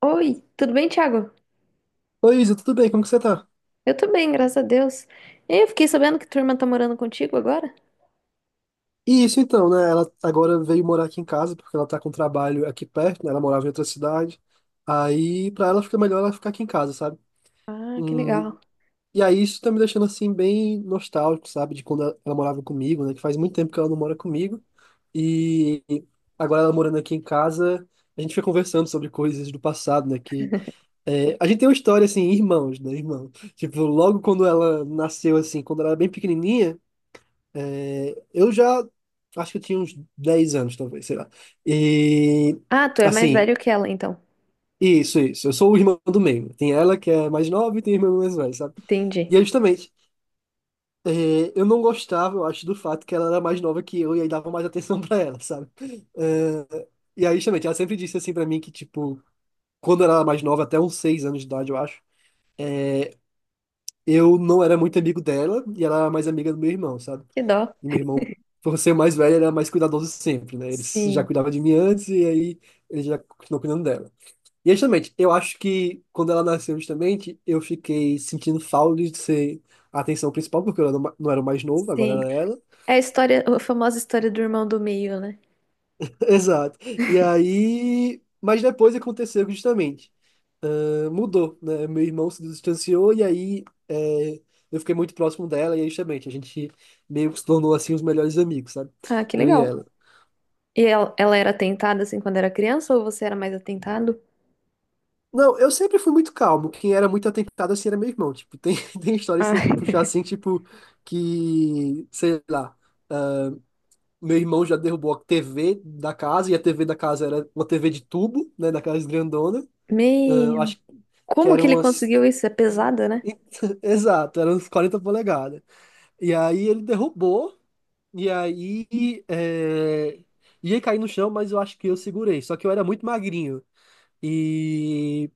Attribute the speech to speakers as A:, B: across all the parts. A: Oi, tudo bem, Thiago?
B: Oi, Isa, tudo bem? Como que você tá?
A: Eu tô bem, graças a Deus. E eu fiquei sabendo que tua irmã tá morando contigo agora?
B: E isso então, né? Ela agora veio morar aqui em casa porque ela tá com trabalho aqui perto, né? Ela morava em outra cidade. Aí, pra ela fica melhor ela ficar aqui em casa, sabe?
A: Ah, que
B: Hum,
A: legal.
B: e aí isso tá me deixando assim bem nostálgico, sabe? De quando ela morava comigo, né? Que faz muito tempo que ela não mora comigo. E agora ela morando aqui em casa, a gente fica conversando sobre coisas do passado, né? Que é, a gente tem uma história assim, irmãos, né, irmão? Tipo, logo quando ela nasceu assim, quando ela era bem pequenininha. Eu já acho que eu tinha uns 10 anos, talvez, sei lá. E
A: Ah, tu é mais
B: assim,
A: velho que ela, então.
B: isso, isso. Eu sou o irmão do meio. Tem ela que é mais nova e tem o irmão mais velho, sabe?
A: Entendi.
B: E é justamente, eu não gostava, eu acho, do fato que ela era mais nova que eu e aí dava mais atenção pra ela, sabe? Eh, e aí, justamente, ela sempre disse assim pra mim que, tipo, quando ela era mais nova, até uns 6 anos de idade, eu acho, eu não era muito amigo dela e ela era mais amiga do meu irmão, sabe?
A: Que dó.
B: E meu irmão, por ser mais velho, ele era mais cuidadoso sempre, né? Ele já
A: Sim,
B: cuidava de mim antes e aí ele já continuou cuidando dela. E justamente, eu acho que quando ela nasceu, justamente, eu fiquei sentindo falta de ser a atenção principal, porque eu era não era o mais novo, agora
A: sim.
B: era ela.
A: É a história, a famosa história do irmão do meio, né?
B: Exato. E aí. Mas depois aconteceu que justamente. Ah, mudou, né? Meu irmão se distanciou e aí eu fiquei muito próximo dela e aí justamente a gente meio que se tornou assim os melhores amigos, sabe?
A: Ah, que
B: Eu e
A: legal.
B: ela.
A: E ela era atentada assim quando era criança ou você era mais atentado?
B: Não, eu sempre fui muito calmo. Quem era muito atentado assim era meu irmão. Tipo, tem, tem história, se
A: Ah,
B: eu for puxar assim, tipo, que, sei lá, meu irmão já derrubou a TV da casa, e a TV da casa era uma TV de tubo, né, daquelas grandona. Ah, eu
A: meu.
B: acho que
A: Como que
B: eram
A: ele
B: umas.
A: conseguiu isso? É pesada, né?
B: Exato, eram uns 40 polegadas. E aí ele derrubou, e aí é, ia cair no chão, mas eu acho que eu segurei. Só que eu era muito magrinho. E,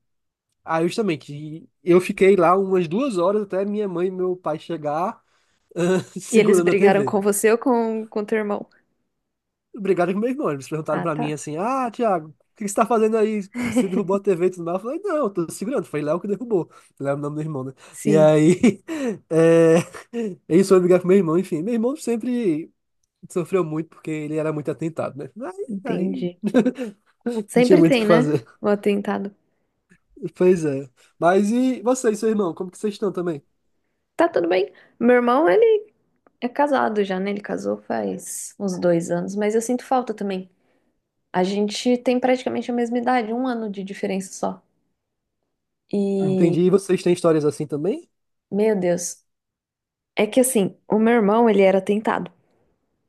B: ah, justamente, e eu fiquei lá umas 2 horas até minha mãe e meu pai chegar
A: E eles
B: segurando a
A: brigaram
B: TV.
A: com você ou com teu irmão?
B: Obrigado com meu irmão. Eles perguntaram
A: Ah,
B: pra mim
A: tá.
B: assim: Ah, Thiago, o que que você tá fazendo aí? Você derrubou a TV e tudo mais? Eu falei: Não, eu tô segurando. Foi Léo que derrubou. Léo é o nome do irmão, né? E
A: Sim,
B: aí. É... Eles foram brigar com meu irmão. Enfim, meu irmão sempre sofreu muito porque ele era muito atentado, né? Aí, aí
A: entendi.
B: não tinha
A: Sempre
B: muito o que
A: tem, né?
B: fazer.
A: O atentado.
B: Pois é. Mas e vocês seu irmão? Como que vocês estão também?
A: Tá tudo bem. Meu irmão, ele é casado já, né? Ele casou faz uns 2 anos, mas eu sinto falta também. A gente tem praticamente a mesma idade, um ano de diferença só. E,
B: Entendi. E vocês têm histórias assim também?
A: meu Deus, é que assim, o meu irmão, ele era atentado,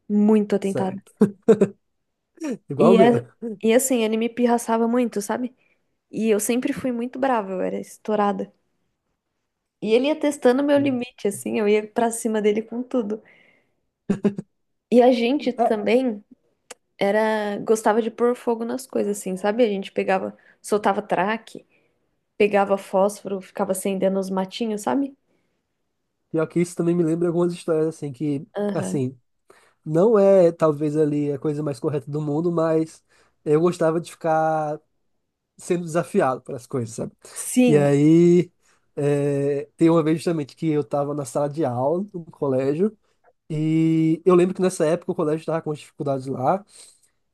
A: muito atentado.
B: Certo. Igual
A: E,
B: o meu.
A: é, e assim, ele me pirraçava muito, sabe? E eu sempre fui muito brava, eu era estourada. E ele ia testando meu
B: Hum.
A: limite, assim, eu ia pra cima dele com tudo. E a gente
B: É,
A: também. Era gostava de pôr fogo nas coisas assim, sabe? A gente pegava, soltava traque, pegava fósforo, ficava acendendo os matinhos, sabe?
B: pior que isso também me lembra algumas histórias, assim, que,
A: Aham.
B: assim, não é talvez ali a coisa mais correta do mundo, mas eu gostava de ficar sendo desafiado para as coisas, sabe? E
A: Sim,
B: aí, tem uma vez justamente que eu estava na sala de aula do colégio, e eu lembro que nessa época o colégio estava com as dificuldades lá.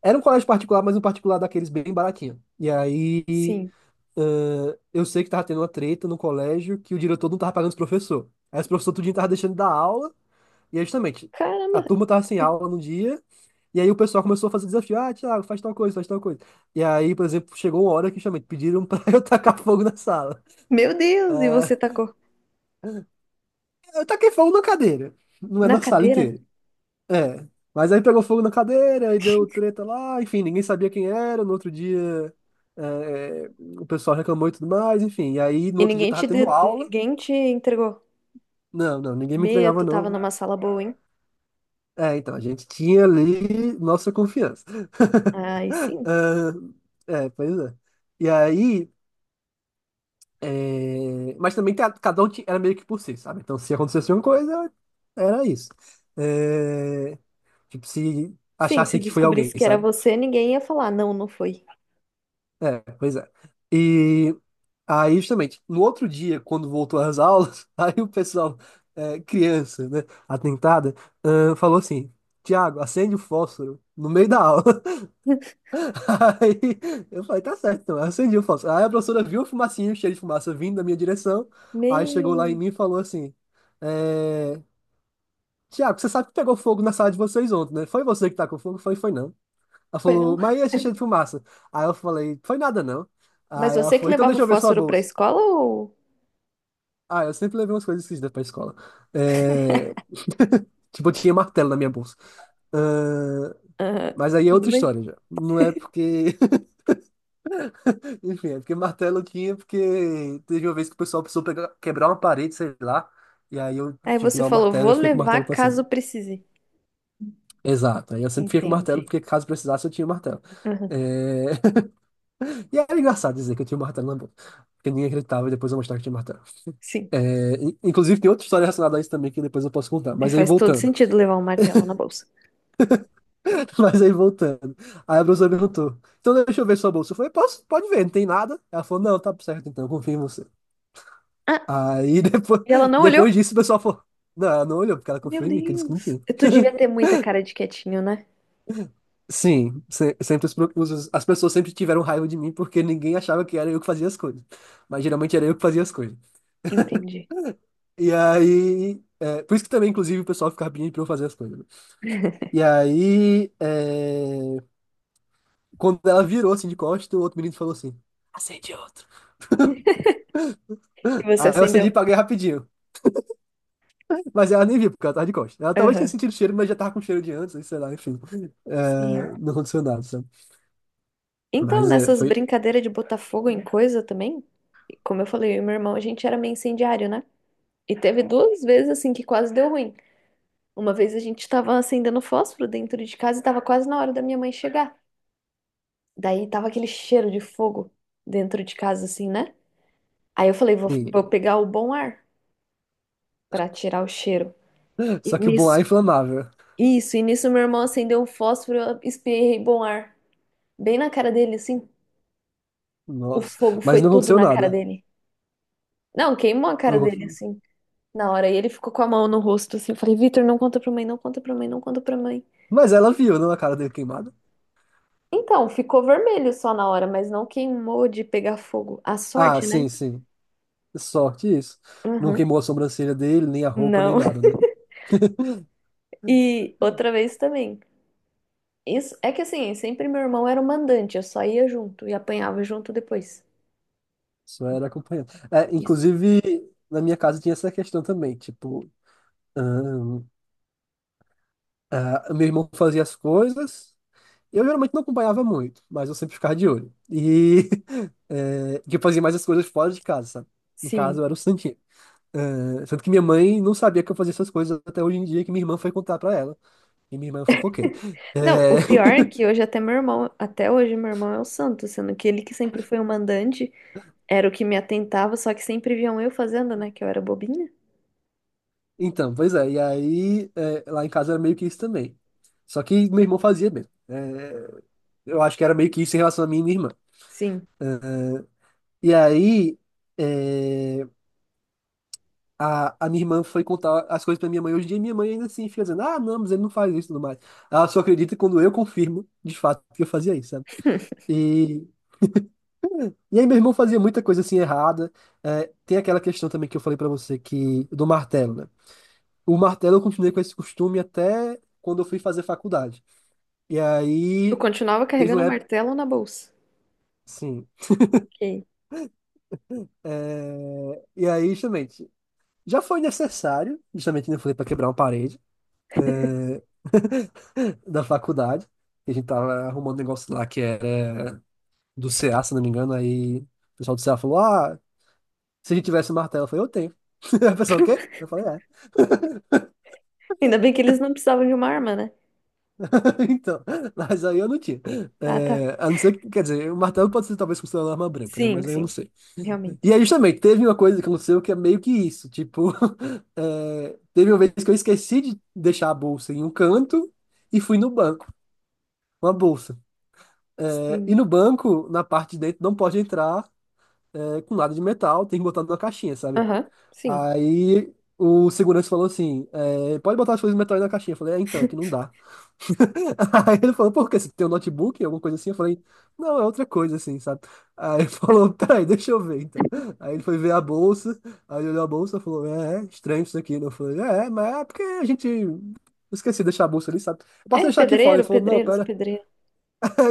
B: Era um colégio particular, mas um particular daqueles bem baratinho. E aí.
A: sim.
B: Eu sei que tava tendo uma treta no colégio que o diretor não tava pagando os professores. Aí os professores tudinho tava deixando de dar aula, e aí justamente, a
A: Caramba,
B: turma tava sem aula no dia, e aí o pessoal começou a fazer desafio. Ah, Thiago, faz tal coisa, faz tal coisa. E aí, por exemplo, chegou uma hora que justamente pediram pra eu tacar fogo na sala.
A: meu Deus, e você
B: Ah,
A: tacou
B: eu taquei fogo na cadeira, não é
A: na
B: na sala
A: cadeira?
B: inteira. É, mas aí pegou fogo na cadeira, aí deu treta lá, enfim, ninguém sabia quem era, no outro dia. eh, eh, o pessoal reclamou e tudo mais, enfim. E aí, no
A: E
B: outro dia,
A: ninguém
B: tava tendo aula.
A: ninguém te entregou?
B: Não, não, ninguém me
A: Meu,
B: entregava,
A: tu tava
B: não.
A: numa sala boa, hein?
B: É, então, a gente tinha ali nossa confiança.
A: Ai, sim.
B: Ah, é, pois é. E aí, mas também cada um era meio que por si, sabe? Então, se acontecesse uma coisa, era isso. É, tipo, se
A: Sim, se
B: achasse que foi
A: descobrisse
B: alguém,
A: que era
B: sabe?
A: você, ninguém ia falar, não, não foi.
B: É, pois é. E aí, justamente, no outro dia, quando voltou às aulas, aí o pessoal, criança, né, atentada, ah, falou assim: Tiago, acende o fósforo no meio da aula. Aí eu falei, tá certo, então. Aí eu acendi o fósforo. Aí a professora viu a fumacinha, o fumacinho, cheio de fumaça vindo da minha direção. Aí chegou lá em
A: Meu,
B: mim e falou assim: é... Tiago, você sabe que pegou fogo na sala de vocês ontem, né? Foi você que tá com fogo? Foi, foi não. Ela
A: foi
B: falou,
A: não.
B: mas e esse cheio de fumaça? Aí eu falei, foi nada não.
A: Mas
B: Aí ela
A: você que
B: falou, então
A: levava o
B: deixa eu ver sua
A: fósforo pra
B: bolsa.
A: escola ou?
B: Ah, eu sempre levei umas coisas esquisitas pra escola. É... Tipo, eu tinha martelo na minha bolsa. Ahn,
A: Aham.
B: Mas aí é
A: Tudo
B: outra história
A: bem?
B: já. Não é porque. Enfim, é porque martelo tinha, porque teve uma vez que o pessoal precisou pegar, quebrar uma parede, sei lá, e aí eu
A: Aí
B: tive que
A: você
B: dar um
A: falou,
B: martelo e
A: vou
B: eu fiquei com o martelo
A: levar
B: pra sempre.
A: caso precise.
B: Exato, aí eu sempre fiquei com o martelo,
A: Entendi.
B: porque caso precisasse eu tinha o martelo.
A: Aham.
B: É... E era engraçado dizer que eu tinha o martelo na boca, porque ninguém acreditava e depois eu mostrava que tinha martelo.
A: Sim.
B: Inclusive tem outra história relacionada a isso também que depois eu posso contar,
A: É,
B: mas aí
A: faz todo
B: voltando.
A: sentido levar um martelo na bolsa.
B: Mas aí voltando. Aí a professora perguntou, então deixa eu ver sua bolsa. Eu falei, posso, pode ver, não tem nada. Ela falou, não, tá certo então, confio em você.
A: Ah,
B: Aí depois,
A: e ela não olhou?
B: depois disso o pessoal falou, não, não olhou, porque ela
A: Meu
B: confiou em mim, que eu disse que não
A: Deus.
B: tinha.
A: Tu devia ter muita cara de quietinho, né?
B: Sim, sempre as pessoas sempre tiveram raiva de mim porque ninguém achava que era eu que fazia as coisas. Mas geralmente era eu que fazia as coisas.
A: Entendi.
B: E aí, por isso que também, inclusive, o pessoal ficava pedindo pra eu fazer as coisas, né? E aí, quando ela virou assim de costas, o outro menino falou assim: acende outro.
A: E você
B: Aí eu acendi e
A: acendeu.
B: paguei rapidinho. Mas ela nem viu, porque ela tava de costas. Ela talvez tenha
A: Aham.
B: sentido o cheiro, mas já tava com cheiro de antes, sei lá, enfim.
A: Sim.
B: É, não aconteceu nada, sabe?
A: Então,
B: Mas é,
A: nessas
B: foi.
A: brincadeiras de botar fogo em coisa também, como eu falei, eu e meu irmão, a gente era meio incendiário, né? E teve duas vezes assim que quase deu ruim. Uma vez a gente tava acendendo fósforo dentro de casa e tava quase na hora da minha mãe chegar. Daí tava aquele cheiro de fogo dentro de casa, assim, né? Aí eu falei,
B: Sim.
A: vou pegar o bom ar pra tirar o cheiro. E
B: Só que o Boá
A: nisso,
B: é inflamável.
A: isso, e nisso meu irmão acendeu um fósforo, eu espirrei bom ar. Bem na cara dele, assim. O
B: Nossa.
A: fogo
B: Mas
A: foi
B: não
A: tudo
B: aconteceu
A: na cara
B: nada.
A: dele. Não, queimou a cara
B: Eu-
A: dele, assim, na hora. E ele ficou com a mão no rosto, assim. Eu falei, Vitor, não conta pra mãe, não conta pra mãe, não conta pra mãe.
B: Mas ela viu, não, a cara dele queimada.
A: Então, ficou vermelho só na hora, mas não queimou de pegar fogo. A
B: Ah,
A: sorte, né?
B: sim, sim. Sorte isso. Não
A: Uhum.
B: queimou a sobrancelha dele, nem a roupa, nem
A: Não.
B: nada, né?
A: E outra vez também. Isso, é que assim, sempre meu irmão era o mandante, eu só ia junto e apanhava junto depois.
B: Só era acompanhando. É,
A: Isso.
B: inclusive, na minha casa tinha essa questão também. Tipo, ahn, ah, meu irmão fazia as coisas. Eu geralmente não acompanhava muito, mas eu sempre ficava de olho. E que eu fazia mais as coisas fora de casa, sabe? Em casa
A: Sim.
B: eu era o santinho. É, sendo que minha mãe não sabia que eu fazia essas coisas até hoje em dia, que minha irmã foi contar pra ela. E minha irmã é fofoqueira.
A: Não, o
B: É,
A: pior é que hoje até meu irmão, até hoje meu irmão é o santo, sendo que ele que sempre foi o mandante, era o que me atentava, só que sempre viam eu fazendo, né, que eu era bobinha.
B: então, pois é. E aí, lá em casa era meio que isso também. Só que meu irmão fazia mesmo. É, eu acho que era meio que isso em relação a mim e minha irmã.
A: Sim.
B: É, e aí, é, a minha irmã foi contar as coisas pra minha mãe hoje em dia, e minha mãe ainda assim fica dizendo: Ah, não, mas ele não faz isso e tudo mais. Ela só acredita quando eu confirmo, de fato, que eu fazia isso, sabe? E E aí, meu irmão fazia muita coisa assim errada. É, tem aquela questão também que eu falei pra você, que do martelo, né? O martelo eu continuei com esse costume até quando eu fui fazer faculdade. E
A: Tu
B: aí,
A: continuava
B: teve
A: carregando
B: uma
A: o
B: época,
A: martelo na bolsa.
B: sim.
A: Ok.
B: E aí, justamente, já foi necessário, justamente, né, eu falei pra quebrar uma parede, é, da faculdade. Que a gente tava arrumando um negócio lá que era do CA, se não me engano. Aí o pessoal do CA falou: Ah, se a gente tivesse martelo, eu falei: Eu tenho. Aí o pessoal, o quê? Eu falei: "É."
A: Ainda bem que eles não precisavam de uma arma, né?
B: Então, mas aí eu não tinha.
A: Ah, tá.
B: É, a não ser que, quer dizer, o martelo pode ser talvez considerado uma arma branca, né?
A: Sim,
B: Mas aí eu não
A: sim.
B: sei. E
A: Realmente.
B: aí justamente teve uma coisa que aconteceu que é meio que isso. Tipo, teve uma vez que eu esqueci de deixar a bolsa em um canto e fui no banco, uma bolsa. É, e
A: Sim.
B: no banco, na parte de dentro, não pode entrar com nada de metal, tem que botar numa caixinha, sabe?
A: Aham, sim.
B: Aí o segurança falou assim: pode botar as coisas de metal aí na caixinha. Eu falei: então, aqui não dá. Aí ele falou, por quê? Você tem um notebook, alguma coisa assim? Eu falei, não, é outra coisa assim, sabe? Aí ele falou, peraí, deixa eu ver então. Aí ele foi ver a bolsa, aí ele olhou a bolsa e falou, é estranho isso aqui. Eu falei, mas é porque a gente Eu esqueci de deixar a bolsa ali, sabe? Eu posso
A: É,
B: deixar aqui fora.
A: pedreiro,
B: Ele falou, não,
A: pedreiro, sou
B: pera.
A: pedreiro.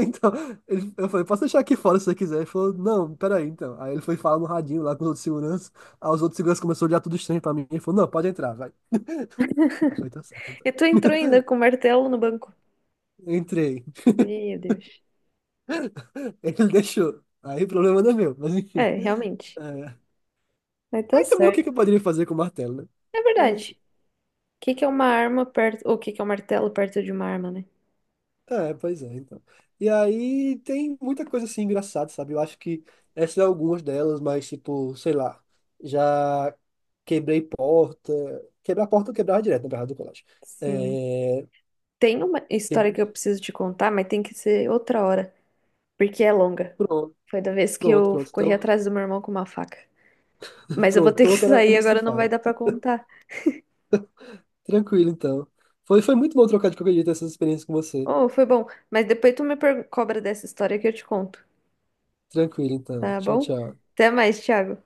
B: Então, eu falei, posso deixar aqui fora se você quiser. Ele falou, não, pera aí então. Aí ele foi falar no radinho lá com os outros seguranças, aí os outros seguranças começaram a olhar tudo estranho pra mim. Ele falou, não, pode entrar, vai. Eu falei, tá certo então.
A: E tu entrou ainda com martelo no banco.
B: Entrei.
A: Meu Deus.
B: Ele deixou. Aí o problema não é meu, mas enfim.
A: É, realmente.
B: É.
A: Mas tá
B: Aí também o que que eu
A: certo.
B: poderia fazer com o martelo, né?
A: É
B: Eu não
A: verdade.
B: sei.
A: O que que é uma arma perto. O que que é um martelo perto de uma arma, né?
B: É, pois é, então. E aí tem muita coisa assim engraçada, sabe? Eu acho que essas são algumas delas, mas tipo, sei lá, já quebrei porta. Quebrar a porta eu quebrava direto, na verdade, do colégio.
A: Sim.
B: É...
A: Tem uma história que
B: quebrei-
A: eu preciso te contar, mas tem que ser outra hora. Porque é longa.
B: Pronto,
A: Foi da vez que
B: pronto,
A: eu
B: pronto.
A: corri
B: Então,
A: atrás do meu irmão com uma faca. Mas eu
B: pronto.
A: vou ter
B: Então
A: que
B: outra hora
A: sair,
B: já se
A: agora não vai
B: fala.
A: dar pra contar.
B: Tranquilo, então. Foi, foi muito bom trocar de qualquer jeito essas experiências com você.
A: Oh, foi bom. Mas depois cobra dessa história que eu te conto.
B: Tranquilo, então.
A: Tá
B: Tchau,
A: bom?
B: tchau.
A: Até mais, Thiago.